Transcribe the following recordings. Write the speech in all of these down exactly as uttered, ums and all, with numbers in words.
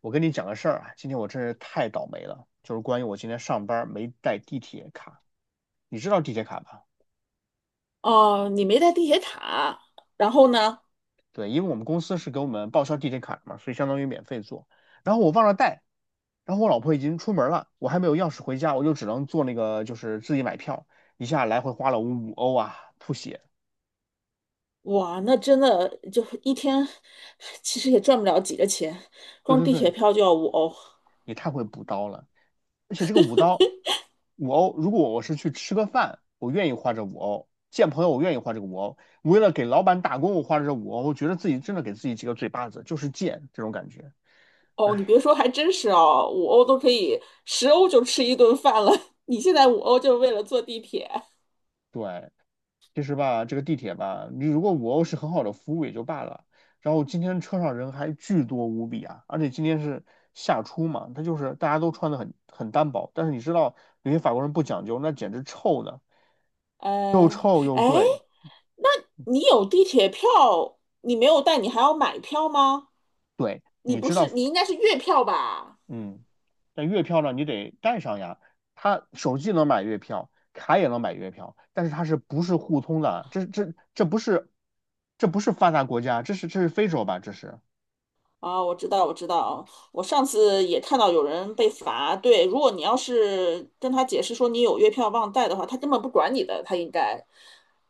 我跟你讲个事儿啊，今天我真是太倒霉了，就是关于我今天上班没带地铁卡。你知道地铁卡吧？哦，你没带地铁卡，然后呢？对，因为我们公司是给我们报销地铁卡的嘛，所以相当于免费坐。然后我忘了带，然后我老婆已经出门了，我还没有钥匙回家，我就只能坐那个就是自己买票，一下来回花了五欧啊，吐血。哇，那真的就一天，其实也赚不了几个钱，对光对地对，铁票就要五欧。也太会补刀了。而且这个五刀，五欧，如果我是去吃个饭，我愿意花这五欧；见朋友，我愿意花这个五欧。为了给老板打工，我花这五欧，我觉得自己真的给自己几个嘴巴子，就是贱这种感觉。哦，你哎，别说，还真是哦，五欧都可以，十欧就吃一顿饭了。你现在五欧就是为了坐地铁，对，其实吧，这个地铁吧，你如果五欧是很好的服务也就罢了，然后今天车上人还巨多无比啊，而且今天是夏初嘛，他就是大家都穿的很很单薄，但是你知道有些法国人不讲究，那简直臭的，又呃，臭又哎，贵，那你有地铁票，你没有带，你还要买票吗？对，你你不知道，是，你应该是月票吧？嗯，但月票呢，你得带上呀。它手机能买月票，卡也能买月票，但是它是不是互通的？这这这不是，这不是发达国家，这是这是非洲吧？这是啊，我知道，我知道，我上次也看到有人被罚。对，如果你要是跟他解释说你有月票忘带的话，他根本不管你的，他应该。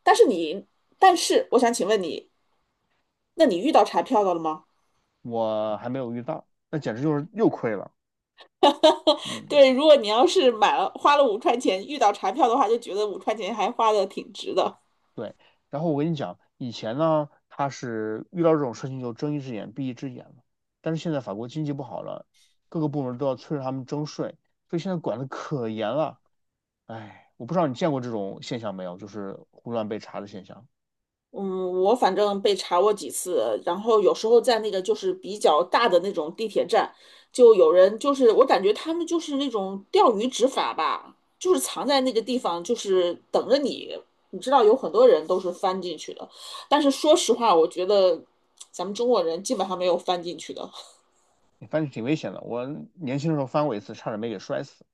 但是你，但是我想请问你，那你遇到查票的了吗？我还没有遇到，那简直就是又亏了。嗯，对，如果你要是买了花了五块钱遇到查票的话，就觉得五块钱还花的挺值的。对。然后我跟你讲，以前呢，它是遇到这种事情就睁一只眼闭一只眼了，但是现在法国经济不好了，各个部门都要催着他们征税，所以现在管的可严了。哎，我不知道你见过这种现象没有，就是胡乱被查的现象，嗯，我反正被查过几次，然后有时候在那个就是比较大的那种地铁站，就有人就是我感觉他们就是那种钓鱼执法吧，就是藏在那个地方，就是等着你。你知道有很多人都是翻进去的，但是说实话，我觉得咱们中国人基本上没有翻进去的。反正挺危险的。我年轻的时候翻过一次，差点没给摔死。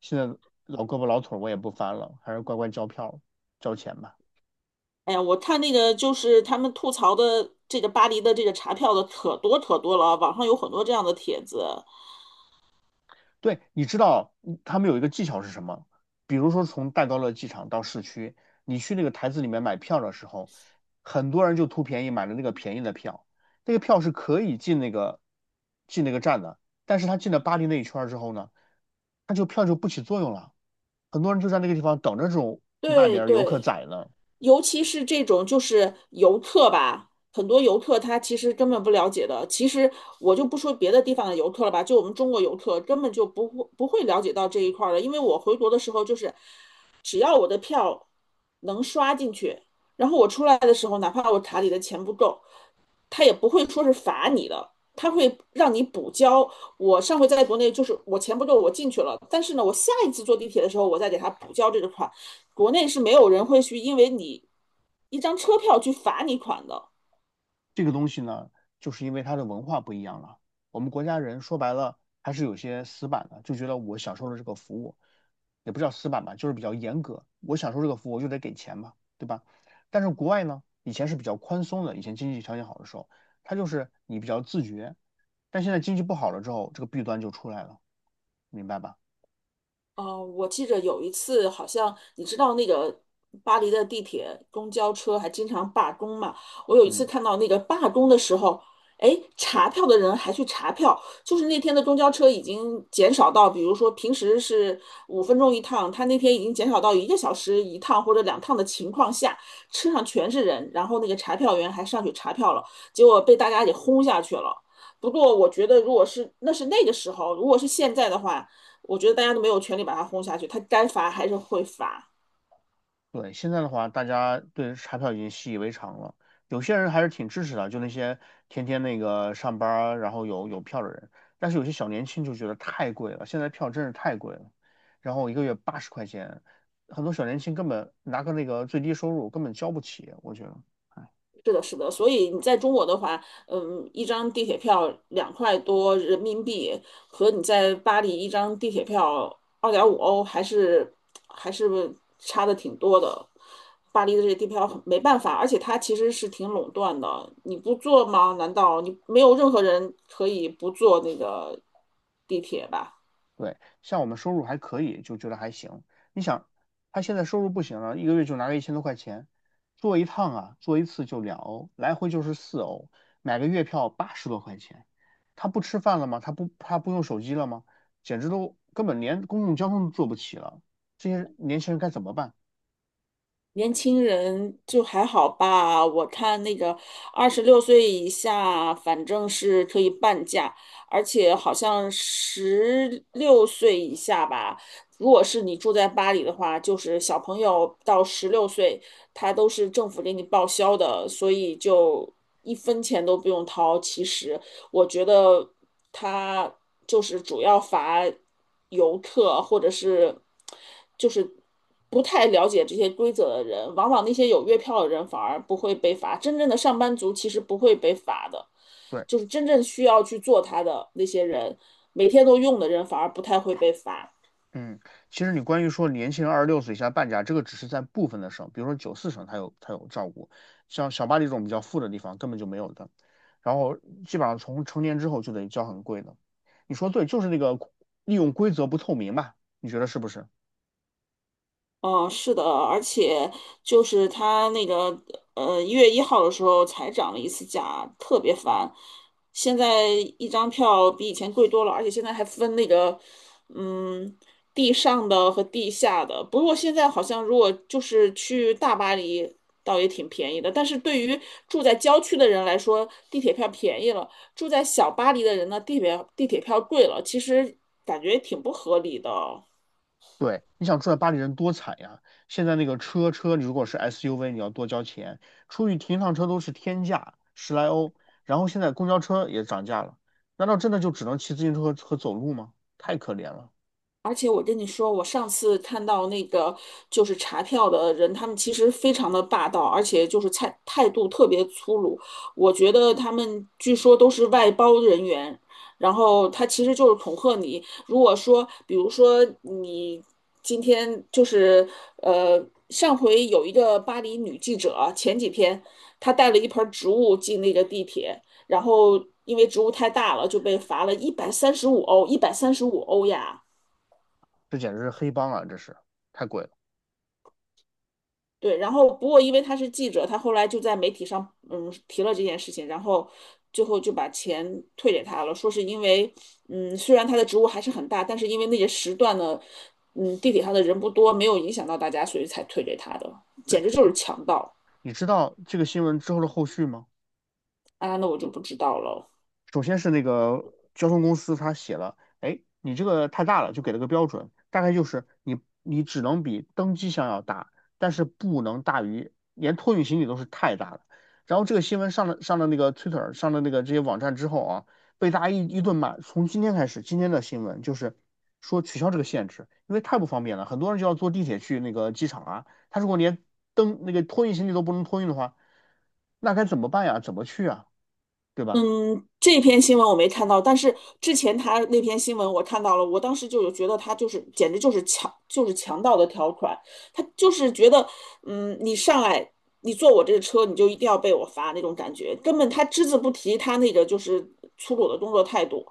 现在老胳膊老腿儿我也不翻了，还是乖乖交票交钱吧。哎呀，我看那个就是他们吐槽的这个巴黎的这个查票的可多可多了，网上有很多这样的帖子。对，你知道嗯他们有一个技巧是什么？比如说从戴高乐机场到市区，你去那个台子里面买票的时候，很多人就图便宜买了那个便宜的票，那个票是可以进那个进那个站的，但是他进了巴黎那一圈儿之后呢，他就票就不起作用了。很多人就在那个地方等着这种外对边儿游客对。宰呢。尤其是这种就是游客吧，很多游客他其实根本不了解的。其实我就不说别的地方的游客了吧，就我们中国游客根本就不会不会了解到这一块儿的。因为我回国的时候，就是只要我的票能刷进去，然后我出来的时候，哪怕我卡里的钱不够，他也不会说是罚你的。他会让你补交。我上回在国内就是我钱不够，我进去了，但是呢，我下一次坐地铁的时候，我再给他补交这个款。国内是没有人会去因为你一张车票去罚你款的。这个东西呢，就是因为它的文化不一样了。我们国家人说白了还是有些死板的，就觉得我享受了这个服务，也不叫死板吧，就是比较严格。我享受这个服务，我就得给钱嘛，对吧？但是国外呢，以前是比较宽松的，以前经济条件好的时候，它就是你比较自觉。但现在经济不好了之后，这个弊端就出来了，明白吧？哦，我记着有一次，好像你知道那个巴黎的地铁、公交车还经常罢工嘛。我有一次嗯。看到那个罢工的时候，哎，查票的人还去查票，就是那天的公交车已经减少到，比如说平时是五分钟一趟，他那天已经减少到一个小时一趟或者两趟的情况下，车上全是人，然后那个查票员还上去查票了，结果被大家给轰下去了。不过我觉得，如果是那是那个时候，如果是现在的话。我觉得大家都没有权利把它轰下去，它该罚还是会罚。对，现在的话，大家对彩票已经习以为常了。有些人还是挺支持的，就那些天天那个上班儿然后有有票的人。但是有些小年轻就觉得太贵了，现在票真是太贵了，然后一个月八十块钱，很多小年轻根本拿个那个最低收入根本交不起，我觉得。是的，是的。所以你在中国的话，嗯，一张地铁票两块多人民币，和你在巴黎一张地铁票二点五欧，还是还是差的挺多的。巴黎的这些地铁票很没办法，而且它其实是挺垄断的。你不坐吗？难道你没有任何人可以不坐那个地铁吧？对，像我们收入还可以，就觉得还行。你想，他现在收入不行了，一个月就拿个一千多块钱，坐一趟啊，坐一次就两欧，来回就是四欧，买个月票八十多块钱。他不吃饭了吗？他不他不用手机了吗？简直都根本连公共交通都坐不起了。这些年轻人该怎么办？年轻人就还好吧，我看那个二十六岁以下，反正是可以半价，而且好像十六岁以下吧。如果是你住在巴黎的话，就是小朋友到十六岁，他都是政府给你报销的，所以就一分钱都不用掏。其实，我觉得他就是主要罚游客或者是就是不太了解这些规则的人，往往那些有月票的人反而不会被罚，真正的上班族其实不会被罚的，对。就是真正需要去做他的那些人，每天都用的人反而不太会被罚。嗯，其实你关于说年轻人二十六岁以下半价，这个只是在部分的省，比如说九四省它有它有照顾，像小巴黎这种比较富的地方根本就没有的。然后基本上从成年之后就得交很贵的。你说对，就是那个利用规则不透明嘛，你觉得是不是？嗯，是的，而且就是他那个呃一月一号的时候才涨了一次价，特别烦。现在一张票比以前贵多了，而且现在还分那个嗯地上的和地下的。不过现在好像如果就是去大巴黎，倒也挺便宜的。但是对于住在郊区的人来说，地铁票便宜了；住在小巴黎的人呢，地铁地铁票贵了。其实感觉挺不合理的。对，你想住在巴黎人多惨呀！现在那个车车，你如果是 S U V，你要多交钱，出去停一趟车都是天价，十来欧。然后现在公交车也涨价了，难道真的就只能骑自行车和走路吗？太可怜了。而且我跟你说，我上次看到那个就是查票的人，他们其实非常的霸道，而且就是态态度特别粗鲁。我觉得他们据说都是外包人员，然后他其实就是恐吓你。如果说，比如说你今天就是呃，上回有一个巴黎女记者，前几天她带了一盆植物进那个地铁，然后因为植物太大了，就被罚了一百三十五欧，一百三十五欧呀。这简直是黑帮啊！这是太贵了。对，然后不过因为他是记者，他后来就在媒体上嗯提了这件事情，然后最后就把钱退给他了，说是因为嗯虽然他的职务还是很大，但是因为那些时段呢，嗯地铁上的人不多，没有影响到大家，所以才退给他的，对，简直就是强盗你知道这个新闻之后的后续吗？啊！那我就不知道了。首先是那个交通公司，他写了，哎，你这个太大了，就给了个标准，大概就是你你只能比登机箱要大，但是不能大于，连托运行李都是太大了。然后这个新闻上了上了那个 Twitter 上了那个这些网站之后啊，被大家一一顿骂。从今天开始，今天的新闻就是说取消这个限制，因为太不方便了，很多人就要坐地铁去那个机场啊。他如果连登那个托运行李都不能托运的话，那该怎么办呀？怎么去啊？对吧？嗯，这篇新闻我没看到，但是之前他那篇新闻我看到了，我当时就有觉得他就是简直就是强就是强盗的条款，他就是觉得，嗯，你上来你坐我这个车，你就一定要被我罚那种感觉，根本他只字不提他那个就是粗鲁的工作态度，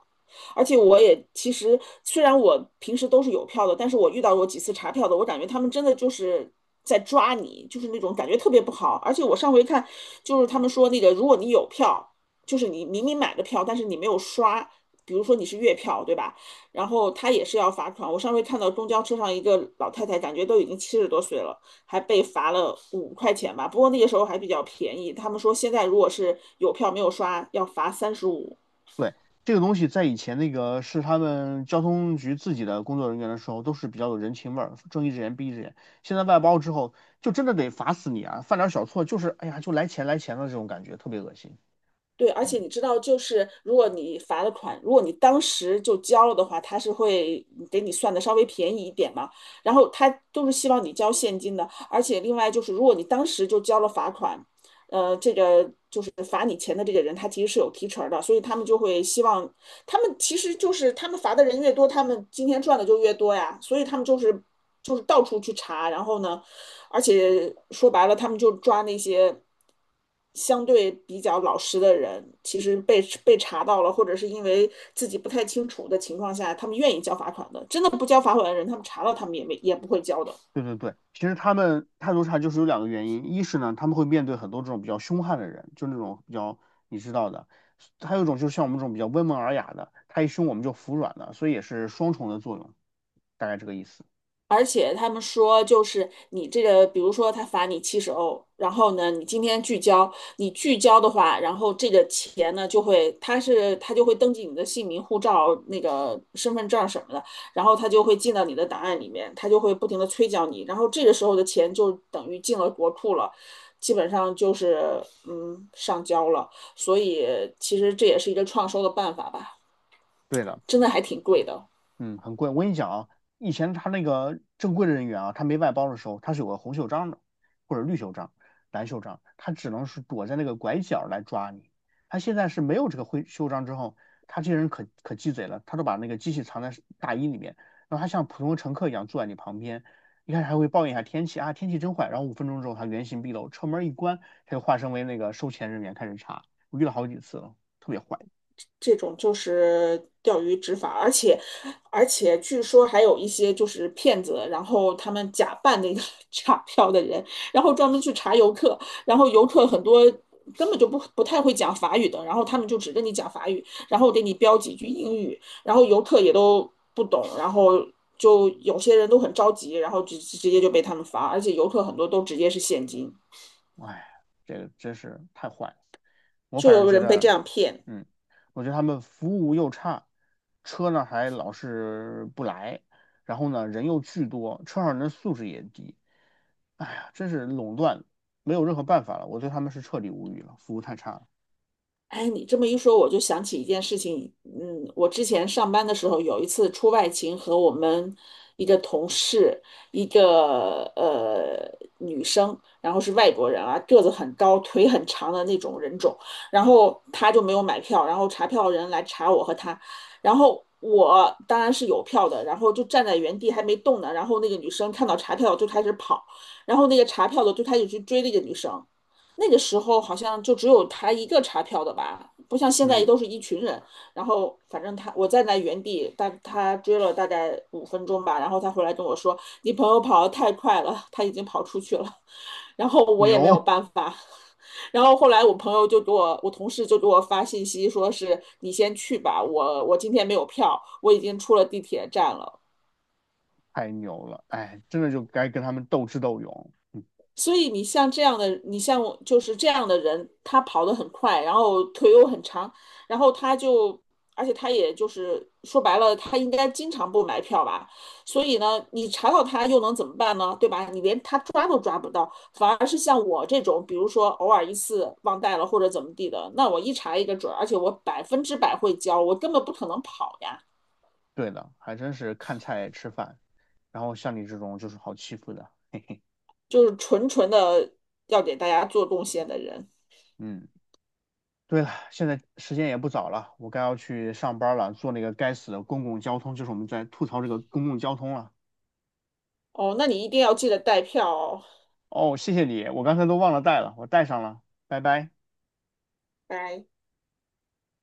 而且我也其实虽然我平时都是有票的，但是我遇到过几次查票的，我感觉他们真的就是。在抓你，就是那种感觉特别不好。而且我上回看，就是他们说那个，如果你有票，就是你明明买的票，但是你没有刷，比如说你是月票，对吧？然后他也是要罚款。我上回看到公交车上一个老太太，感觉都已经七十多岁了，还被罚了五块钱吧。不过那个时候还比较便宜，他们说现在如果是有票没有刷，要罚三十五。对，这个东西在以前那个是他们交通局自己的工作人员的时候，都是比较有人情味儿，睁一只眼闭一只眼。现在外包之后，就真的得罚死你啊！犯点小错就是，哎呀，就来钱来钱的这种感觉，特别恶心。对，而嗯，且你知道，就是如果你罚了款，如果你当时就交了的话，他是会给你算的稍微便宜一点嘛。然后他都是希望你交现金的，而且另外就是，如果你当时就交了罚款，呃，这个就是罚你钱的这个人，他其实是有提成儿的，所以他们就会希望，他们其实就是他们罚的人越多，他们今天赚的就越多呀，所以他们就是就是到处去查，然后呢，而且说白了，他们就抓那些相对比较老实的人，其实被被查到了，或者是因为自己不太清楚的情况下，他们愿意交罚款的。真的不交罚款的人，他们查到他们也没也不会交的。对对对，其实他们态度差就是有两个原因，一是呢，他们会面对很多这种比较凶悍的人，就那种比较你知道的；还有一种就是像我们这种比较温文尔雅的，他一凶我们就服软了，所以也是双重的作用，大概这个意思。而且他们说，就是你这个，比如说他罚你七十欧，然后呢，你今天拒交，你拒交的话，然后这个钱呢就会，他是他就会登记你的姓名、护照、那个身份证什么的，然后他就会进到你的档案里面，他就会不停的催缴你，然后这个时候的钱就等于进了国库了，基本上就是嗯上交了，所以其实这也是一个创收的办法吧，对的。真的还挺贵的。嗯，很贵。我跟你讲啊，以前他那个正规的人员啊，他没外包的时候，他是有个红袖章的，或者绿袖章、蓝袖章，他只能是躲在那个拐角来抓你。他现在是没有这个灰袖章之后，他这些人可可鸡贼了，他都把那个机器藏在大衣里面，然后他像普通乘客一样坐在你旁边，一开始还会抱怨一下天气啊，天气真坏，然后五分钟之后他原形毕露，车门一关，他就化身为那个收钱人员开始查。我遇到好几次了，特别坏。这种就是钓鱼执法，而且而且据说还有一些就是骗子，然后他们假扮那个 查票的人，然后专门去查游客，然后游客很多根本就不不太会讲法语的，然后他们就只跟你讲法语，然后给你标几句英语，然后游客也都不懂，然后就有些人都很着急，然后直直接就被他们罚，而且游客很多都直接是现金，哎，这个真是太坏了。我就反正有觉人被这得，样骗。嗯，我觉得他们服务又差，车呢还老是不来，然后呢人又巨多，车上人的素质也低。哎呀，真是垄断，没有任何办法了。我对他们是彻底无语了，服务太差了。哎，你这么一说，我就想起一件事情。嗯，我之前上班的时候，有一次出外勤，和我们一个同事，一个呃女生，然后是外国人啊，个子很高，腿很长的那种人种。然后她就没有买票，然后查票人来查我和她，然后我当然是有票的，然后就站在原地还没动呢。然后那个女生看到查票就开始跑，然后那个查票的就开始去追那个女生。那个时候好像就只有他一个查票的吧，不像现在嗯，都是一群人。然后反正他我站在原地，大他追了大概五分钟吧，然后他回来跟我说：“你朋友跑得太快了，他已经跑出去了。然后我也没有牛办法。然后后来我朋友就给我，我同事就给我发信息，说是你先去吧，我我今天没有票，我已经出了地铁站了。太牛了，哎，真的就该跟他们斗智斗勇。嗯，所以你像这样的，你像我就是这样的人，他跑得很快，然后腿又很长，然后他就，而且他也就是说白了，他应该经常不买票吧？所以呢，你查到他又能怎么办呢？对吧？你连他抓都抓不到，反而是像我这种，比如说偶尔一次忘带了或者怎么地的，那我一查一个准而且我百分之百会交，我根本不可能跑呀，对的，还真是看菜吃饭，然后像你这种就是好欺负的。就是纯纯的要给大家做贡献的人。嗯。对了，现在时间也不早了，我该要去上班了，坐那个该死的公共交通，就是我们在吐槽这个公共交通了。哦，那你一定要记得带票哦，哦，谢谢你，我刚才都忘了带了，我带上了，拜拜。拜。